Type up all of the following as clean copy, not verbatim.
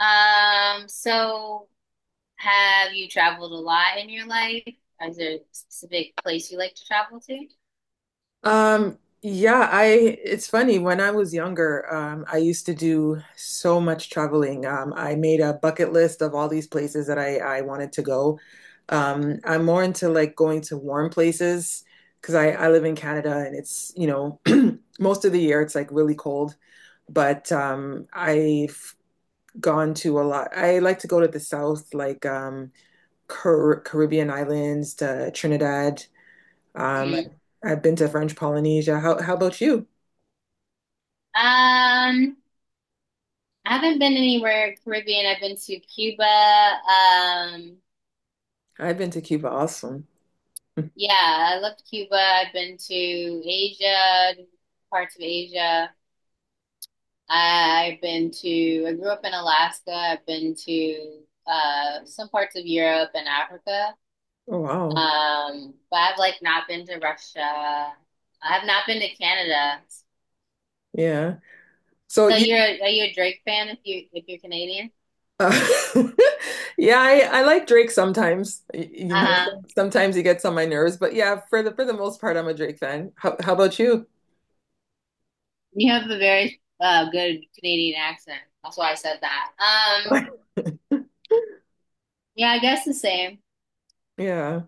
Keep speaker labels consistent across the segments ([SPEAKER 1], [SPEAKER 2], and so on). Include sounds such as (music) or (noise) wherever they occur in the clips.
[SPEAKER 1] So have you traveled a lot in your life? Is there a specific place you like to travel to?
[SPEAKER 2] Yeah, I it's funny. When I was younger, I used to do so much traveling. I made a bucket list of all these places that I wanted to go. I'm more into like going to warm places because I live in Canada and it's (clears throat) most of the year it's like really cold, but I've gone to a lot. I like to go to the south like Caribbean islands to Trinidad. Um,
[SPEAKER 1] Mhm.
[SPEAKER 2] I've been to French Polynesia. How about you?
[SPEAKER 1] Um, I haven't been anywhere Caribbean. I've been to Cuba.
[SPEAKER 2] I've been to Cuba also. (laughs)
[SPEAKER 1] Yeah, I loved Cuba. I've been to Asia, parts of Asia. I grew up in Alaska. I've been to some parts of Europe and Africa.
[SPEAKER 2] Oh wow.
[SPEAKER 1] But I've like not been to Russia. I've not been to Canada.
[SPEAKER 2] Yeah. So
[SPEAKER 1] So
[SPEAKER 2] you
[SPEAKER 1] you're are you a Drake fan if you're Canadian?
[SPEAKER 2] Uh, (laughs) yeah, I like Drake sometimes. You know,
[SPEAKER 1] Uh-huh.
[SPEAKER 2] sometimes he gets on my nerves, but yeah, for the most part, I'm a Drake fan. How about you?
[SPEAKER 1] You have a very good Canadian accent. That's why I said that.
[SPEAKER 2] (laughs)
[SPEAKER 1] Yeah, I guess the same.
[SPEAKER 2] Yeah.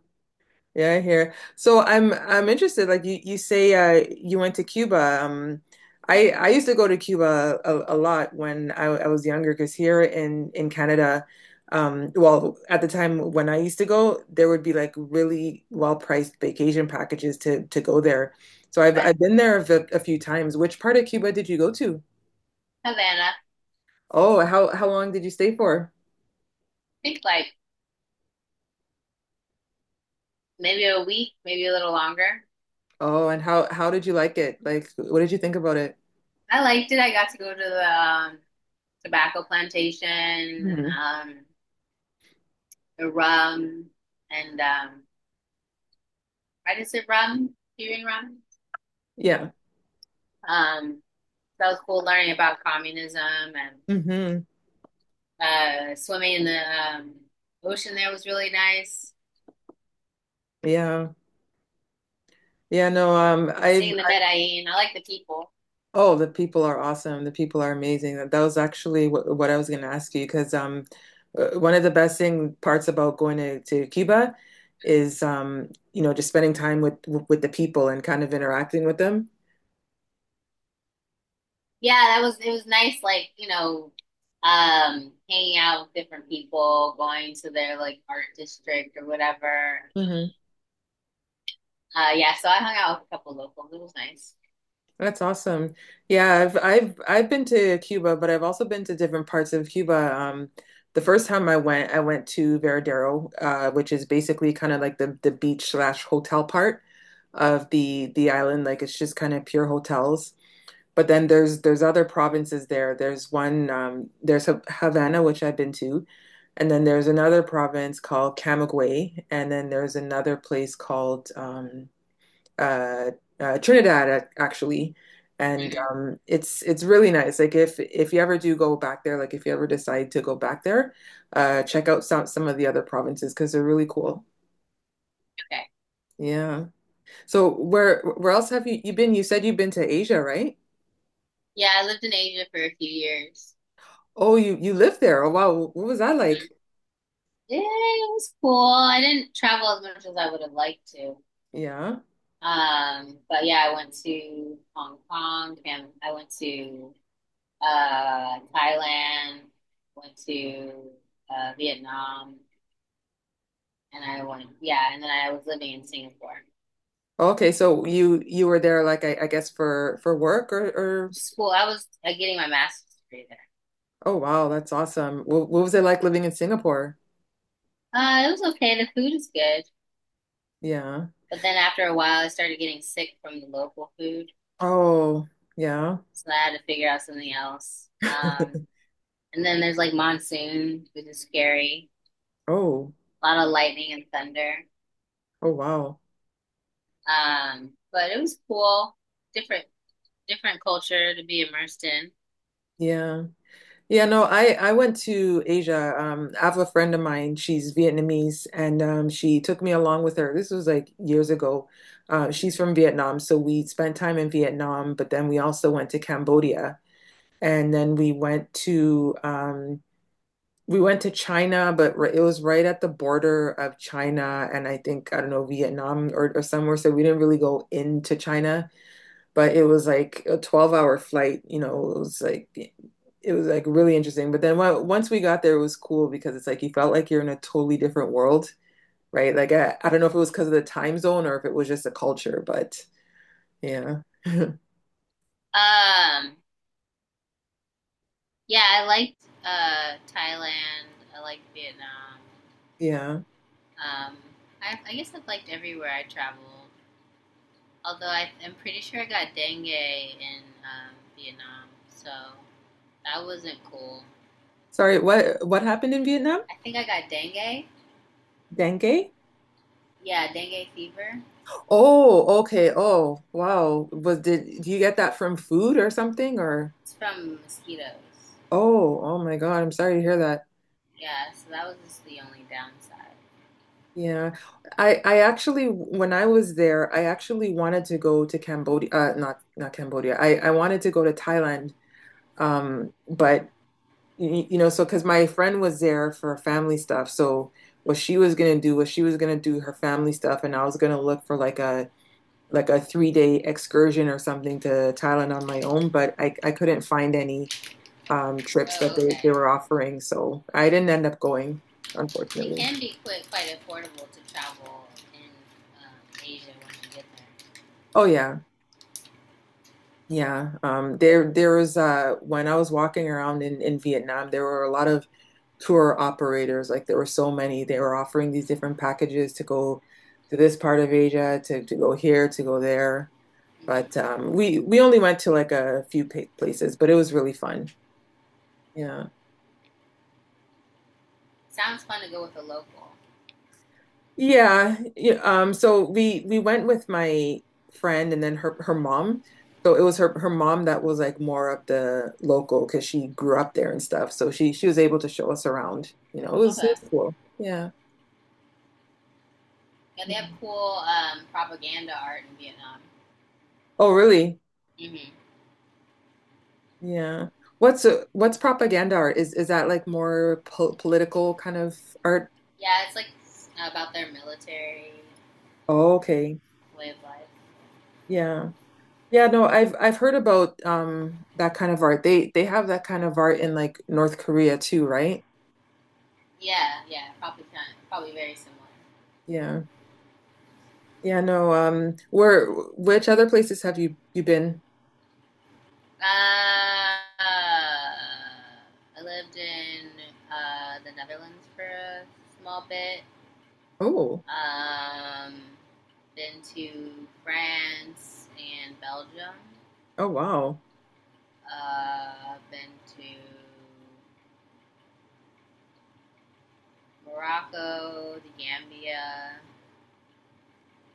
[SPEAKER 2] Yeah, I hear. So I'm interested. Like you say you went to Cuba. I used to go to Cuba a lot when I was younger because here in Canada, well, at the time when I used to go, there would be like really well-priced vacation packages to go there. So I've
[SPEAKER 1] But
[SPEAKER 2] been there a few times. Which part of Cuba did you go to?
[SPEAKER 1] Havana, I
[SPEAKER 2] Oh, how long did you stay for?
[SPEAKER 1] think like maybe a week, maybe a little longer.
[SPEAKER 2] Oh, and how did you like it? Like, what did you think about it?
[SPEAKER 1] I liked it. I got to go to the tobacco plantation and
[SPEAKER 2] hmm
[SPEAKER 1] um the rum and why does it rum? Cuban rum?
[SPEAKER 2] Yeah.
[SPEAKER 1] Um that was cool learning about communism and
[SPEAKER 2] hmm
[SPEAKER 1] swimming in the ocean there was really nice.
[SPEAKER 2] Yeah. Yeah, no, I've
[SPEAKER 1] Seeing the Medellin, I like the people.
[SPEAKER 2] oh, the people are awesome. The people are amazing. That was actually what I was going to ask you because one of the best thing parts about going to Cuba is just spending time with the people and kind of interacting with them.
[SPEAKER 1] Yeah, that was it was nice. Like hanging out with different people, going to their like art district or whatever. Yeah, so I hung out with a couple locals. It was nice.
[SPEAKER 2] That's awesome. Yeah, I've I've been to Cuba, but I've also been to different parts of Cuba. The first time I went to Veradero, which is basically kind of like the beach slash hotel part of the island. Like it's just kind of pure hotels. But then there's other provinces there. There's one there's Havana, which I've been to, and then there's another province called Camagüey, and then there's another place called uh, Trinidad actually, and
[SPEAKER 1] Mhm.
[SPEAKER 2] it's really nice. Like if you ever do go back there, like if you ever decide to go back there, check out some of the other provinces because they're really cool.
[SPEAKER 1] Okay.
[SPEAKER 2] Yeah. So where else have you been? You said you've been to Asia, right?
[SPEAKER 1] Yeah, I lived in Asia for a few years.
[SPEAKER 2] Oh, you lived there. Oh wow, what was that like?
[SPEAKER 1] hmm Yeah, it was cool. I didn't travel as much as I would have liked to.
[SPEAKER 2] Yeah.
[SPEAKER 1] But yeah, I went to Hong Kong, Japan. I went to Thailand, went to Vietnam, and then I was living in Singapore.
[SPEAKER 2] Okay, so you were there like I guess for work or
[SPEAKER 1] School, I was getting my master's degree there.
[SPEAKER 2] oh wow, that's awesome. What was it like living in Singapore?
[SPEAKER 1] It was okay. The food is good.
[SPEAKER 2] Yeah.
[SPEAKER 1] But then after a while, I started getting sick from the local food.
[SPEAKER 2] Oh, yeah.
[SPEAKER 1] So I had to figure out something else.
[SPEAKER 2] (laughs)
[SPEAKER 1] And then there's like monsoon, which is scary.
[SPEAKER 2] Oh,
[SPEAKER 1] A lot of lightning and thunder.
[SPEAKER 2] oh wow.
[SPEAKER 1] But it was cool, different different culture to be immersed in.
[SPEAKER 2] Yeah. Yeah, no, I went to Asia. I have a friend of mine, she's Vietnamese, and she took me along with her. This was like years ago. She's from Vietnam, so we spent time in Vietnam, but then we also went to Cambodia, and then we went to China, but it was right at the border of China and I think I don't know Vietnam or somewhere, so we didn't really go into China. But it was like a 12-hour hour flight, you know, it was like really interesting. But then once we got there, it was cool because it's like you felt like you're in a totally different world, right? Like I don't know if it was because of the time zone or if it was just the culture, but yeah. (laughs)
[SPEAKER 1] Um, yeah, I liked Thailand. I liked Vietnam.
[SPEAKER 2] Yeah.
[SPEAKER 1] Um, I guess I've liked everywhere I traveled. Although I'm pretty sure I got dengue in Vietnam, so that wasn't cool.
[SPEAKER 2] Sorry, what happened in Vietnam?
[SPEAKER 1] I think I got dengue.
[SPEAKER 2] Dengue?
[SPEAKER 1] Yeah, dengue fever.
[SPEAKER 2] Oh, okay. Oh, wow. Was did do you get that from food or something or
[SPEAKER 1] It's from mosquitoes.
[SPEAKER 2] oh, oh my God, I'm sorry to hear that.
[SPEAKER 1] Yeah, so that was just the only downside.
[SPEAKER 2] Yeah, I actually when I was there, I actually wanted to go to Cambodia, not not Cambodia. I wanted to go to Thailand, but you know, so because my friend was there for family stuff, so what she was gonna do was she was gonna do her family stuff, and I was gonna look for like a 3 day excursion or something to Thailand on my own, but I couldn't find any trips
[SPEAKER 1] Oh,
[SPEAKER 2] that they
[SPEAKER 1] okay.
[SPEAKER 2] they were offering, so I didn't end up going,
[SPEAKER 1] It
[SPEAKER 2] unfortunately.
[SPEAKER 1] can be quite affordable to travel in um, Asia when you get there.
[SPEAKER 2] Oh yeah. Yeah, there was when I was walking around in Vietnam, there were a lot of tour operators. Like there were so many. They were offering these different packages to go to this part of Asia, to go here, to go there. But
[SPEAKER 1] hmm
[SPEAKER 2] we only went to like a few places, but it was really fun. Yeah.
[SPEAKER 1] Sounds fun to go with a local.
[SPEAKER 2] Yeah, yeah, so we went with my friend and then her mom. So it was her mom that was like more of the local because she grew up there and stuff. So she was able to show us around. You know, it
[SPEAKER 1] Okay.
[SPEAKER 2] was cool. Yeah.
[SPEAKER 1] Yeah, they have
[SPEAKER 2] Mhm.
[SPEAKER 1] cool propaganda art in Vietnam.
[SPEAKER 2] Oh, really?
[SPEAKER 1] hmm
[SPEAKER 2] Yeah. What's propaganda art? Is that like more po political kind of art?
[SPEAKER 1] Yeah, it's like about their military
[SPEAKER 2] Oh, okay.
[SPEAKER 1] way of life.
[SPEAKER 2] Yeah. Yeah, no, I've heard about that kind of art. They have that kind of art in like North Korea too, right?
[SPEAKER 1] Yeah, probably very similar.
[SPEAKER 2] Yeah. Yeah, no, where which other places have you been?
[SPEAKER 1] Uh, uh, I lived in the Netherlands for a small bit.
[SPEAKER 2] Oh,
[SPEAKER 1] Um, been to France and Belgium.
[SPEAKER 2] oh wow.
[SPEAKER 1] Been to Morocco, the Gambia.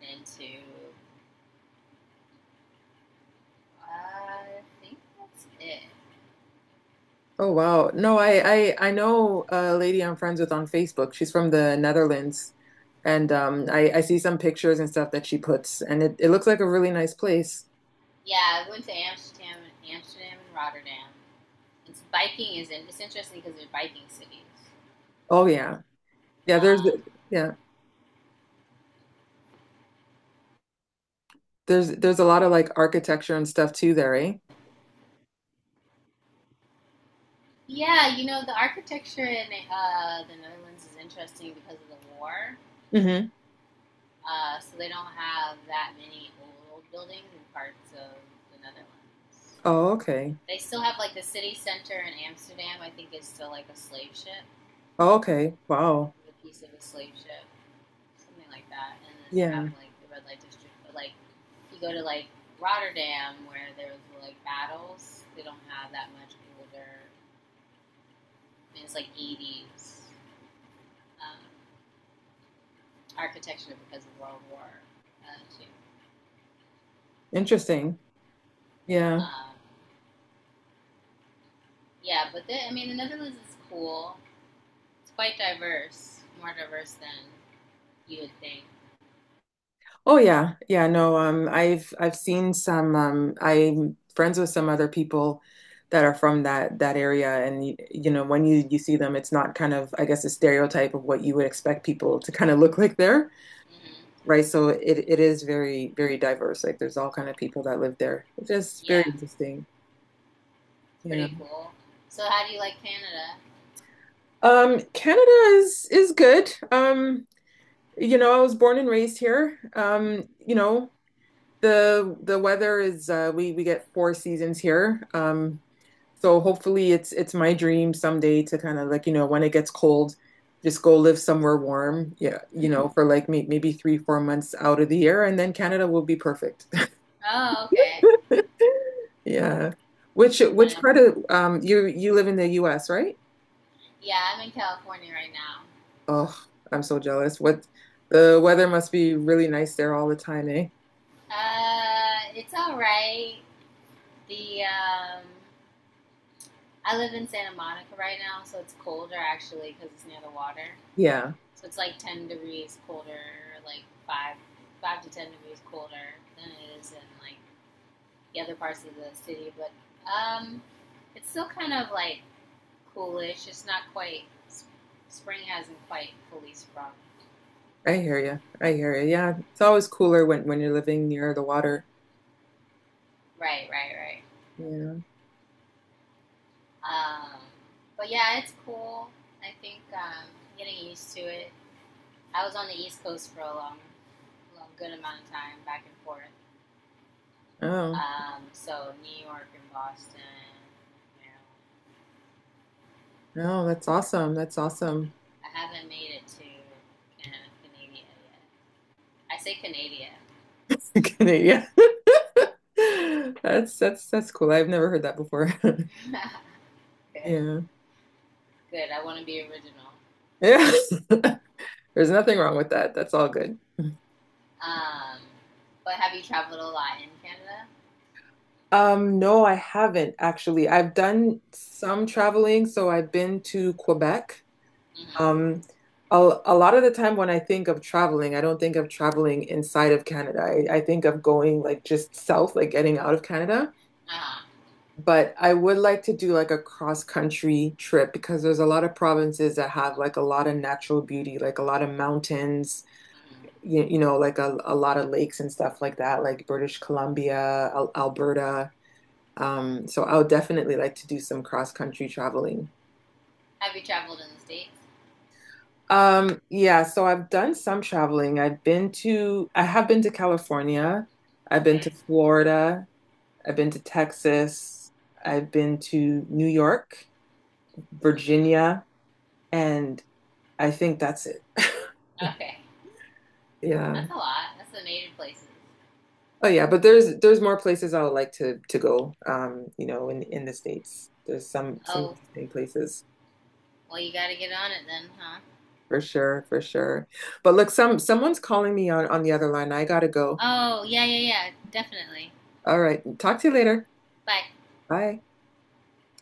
[SPEAKER 1] Been to I think that's it.
[SPEAKER 2] Oh wow. No, I I know a lady I'm friends with on Facebook. She's from the Netherlands. And I see some pictures and stuff that she puts and it looks like a really nice place.
[SPEAKER 1] Yeah, I went to Amsterdam, Amsterdam and Rotterdam. It's interesting because they're biking cities.
[SPEAKER 2] Oh yeah. Yeah, there's
[SPEAKER 1] Um,
[SPEAKER 2] yeah. There's a lot of like architecture and stuff too there, eh?
[SPEAKER 1] yeah, you know the architecture in the Netherlands is interesting because of the war.
[SPEAKER 2] Mm-hmm.
[SPEAKER 1] So they don't have that many old buildings in parts of the Netherlands.
[SPEAKER 2] Oh, okay.
[SPEAKER 1] They still have like the city center in Amsterdam. I think is still like a slave ship,
[SPEAKER 2] Oh, okay. Wow.
[SPEAKER 1] a piece of a slave ship, something like that. And then they have
[SPEAKER 2] Yeah.
[SPEAKER 1] like the red light district. But like if you go to like Rotterdam, where there was like battles, they don't have that much older. I mean, it's like 80s um, architecture because of World War Two.
[SPEAKER 2] Interesting. Yeah.
[SPEAKER 1] Um, yeah, I mean the Netherlands is cool. It's quite diverse, more diverse than you would think.
[SPEAKER 2] Oh yeah, yeah, no, I've seen some I'm friends with some other people that are from that area and you know when you see them it's not kind of I guess a stereotype of what you would expect people to kind of look like there,
[SPEAKER 1] hmm
[SPEAKER 2] right? So it is very diverse. Like there's all kind of people that live there, which is very
[SPEAKER 1] Yeah,
[SPEAKER 2] interesting.
[SPEAKER 1] it's
[SPEAKER 2] Yeah.
[SPEAKER 1] pretty cool. So, how do you like Canada?
[SPEAKER 2] Canada is good. You know, I was born and raised here.
[SPEAKER 1] hmm
[SPEAKER 2] You know, the weather is we get four seasons here. So hopefully it's my dream someday to kind of like, you know, when it gets cold, just go live somewhere warm. Yeah, you
[SPEAKER 1] hmm
[SPEAKER 2] know, for like maybe three, 4 months out of the year and then Canada will be perfect.
[SPEAKER 1] Oh, okay.
[SPEAKER 2] (laughs) Yeah. Which
[SPEAKER 1] You
[SPEAKER 2] which
[SPEAKER 1] wanna?
[SPEAKER 2] part of you live in the US, right?
[SPEAKER 1] Yeah, I'm in California right now.
[SPEAKER 2] Oh, I'm so jealous. What the weather must be really nice there all the time, eh?
[SPEAKER 1] It's all right. The I live in Santa Monica right now, so it's colder actually because it's near the water.
[SPEAKER 2] Yeah,
[SPEAKER 1] So it's like 10 degrees colder, like five to 10 degrees colder than it is in like the other parts of the city. But um, It's still kind of like coolish. It's not quite. Spring hasn't quite fully sprung.
[SPEAKER 2] I hear you. I hear you. Yeah, it's always cooler when you're living near the water.
[SPEAKER 1] Right, right, right.
[SPEAKER 2] Yeah.
[SPEAKER 1] Um, but yeah, it's cool. I think Getting used to it. I was on the East Coast for a long, long good amount of time, back and forth.
[SPEAKER 2] Oh,
[SPEAKER 1] So New York and Boston. You know,
[SPEAKER 2] no, that's awesome. That's awesome.
[SPEAKER 1] I haven't made it to Canada, Canada yet. I say Canada.
[SPEAKER 2] (laughs) Yeah. (laughs) That's that's cool. I've never heard that before. (laughs)
[SPEAKER 1] (laughs) Good,
[SPEAKER 2] Yeah.
[SPEAKER 1] good. I want to be original.
[SPEAKER 2] Yeah. (laughs) There's nothing wrong with that. That's all good.
[SPEAKER 1] Um, but have you traveled a lot in Canada?
[SPEAKER 2] No, I haven't actually. I've done some traveling, so I've been to Quebec.
[SPEAKER 1] Mm-hmm.
[SPEAKER 2] Um, a, a lot of the time when I think of traveling, I don't think of traveling inside of Canada. I think of going like just south, like getting out of Canada.
[SPEAKER 1] Uh-huh.
[SPEAKER 2] But I would like to do like a cross-country trip because there's a lot of provinces that have like a lot of natural beauty, like a lot of mountains,
[SPEAKER 1] Mm-hmm.
[SPEAKER 2] you know, like a lot of lakes and stuff like that, like British Columbia, Al Alberta. So I would definitely like to do some cross-country traveling.
[SPEAKER 1] Have you traveled in the States?
[SPEAKER 2] Yeah, so I've done some traveling. I have been to California. I've been to
[SPEAKER 1] Okay.
[SPEAKER 2] Florida. I've been to Texas. I've been to New York,
[SPEAKER 1] hmm
[SPEAKER 2] Virginia, and I think that's it. (laughs)
[SPEAKER 1] Okay.
[SPEAKER 2] Yeah.
[SPEAKER 1] That's a lot. That's the major places.
[SPEAKER 2] Oh yeah, but there's more places I would like to go. You know, in the States. There's some
[SPEAKER 1] Oh,
[SPEAKER 2] interesting places
[SPEAKER 1] well, you gotta get on it then, huh?
[SPEAKER 2] for sure, for sure. But look, someone's calling me on the other line. I gotta go.
[SPEAKER 1] Oh, yeah, yeah, yeah. Definitely.
[SPEAKER 2] All right. Talk to you later.
[SPEAKER 1] Bye.
[SPEAKER 2] Bye.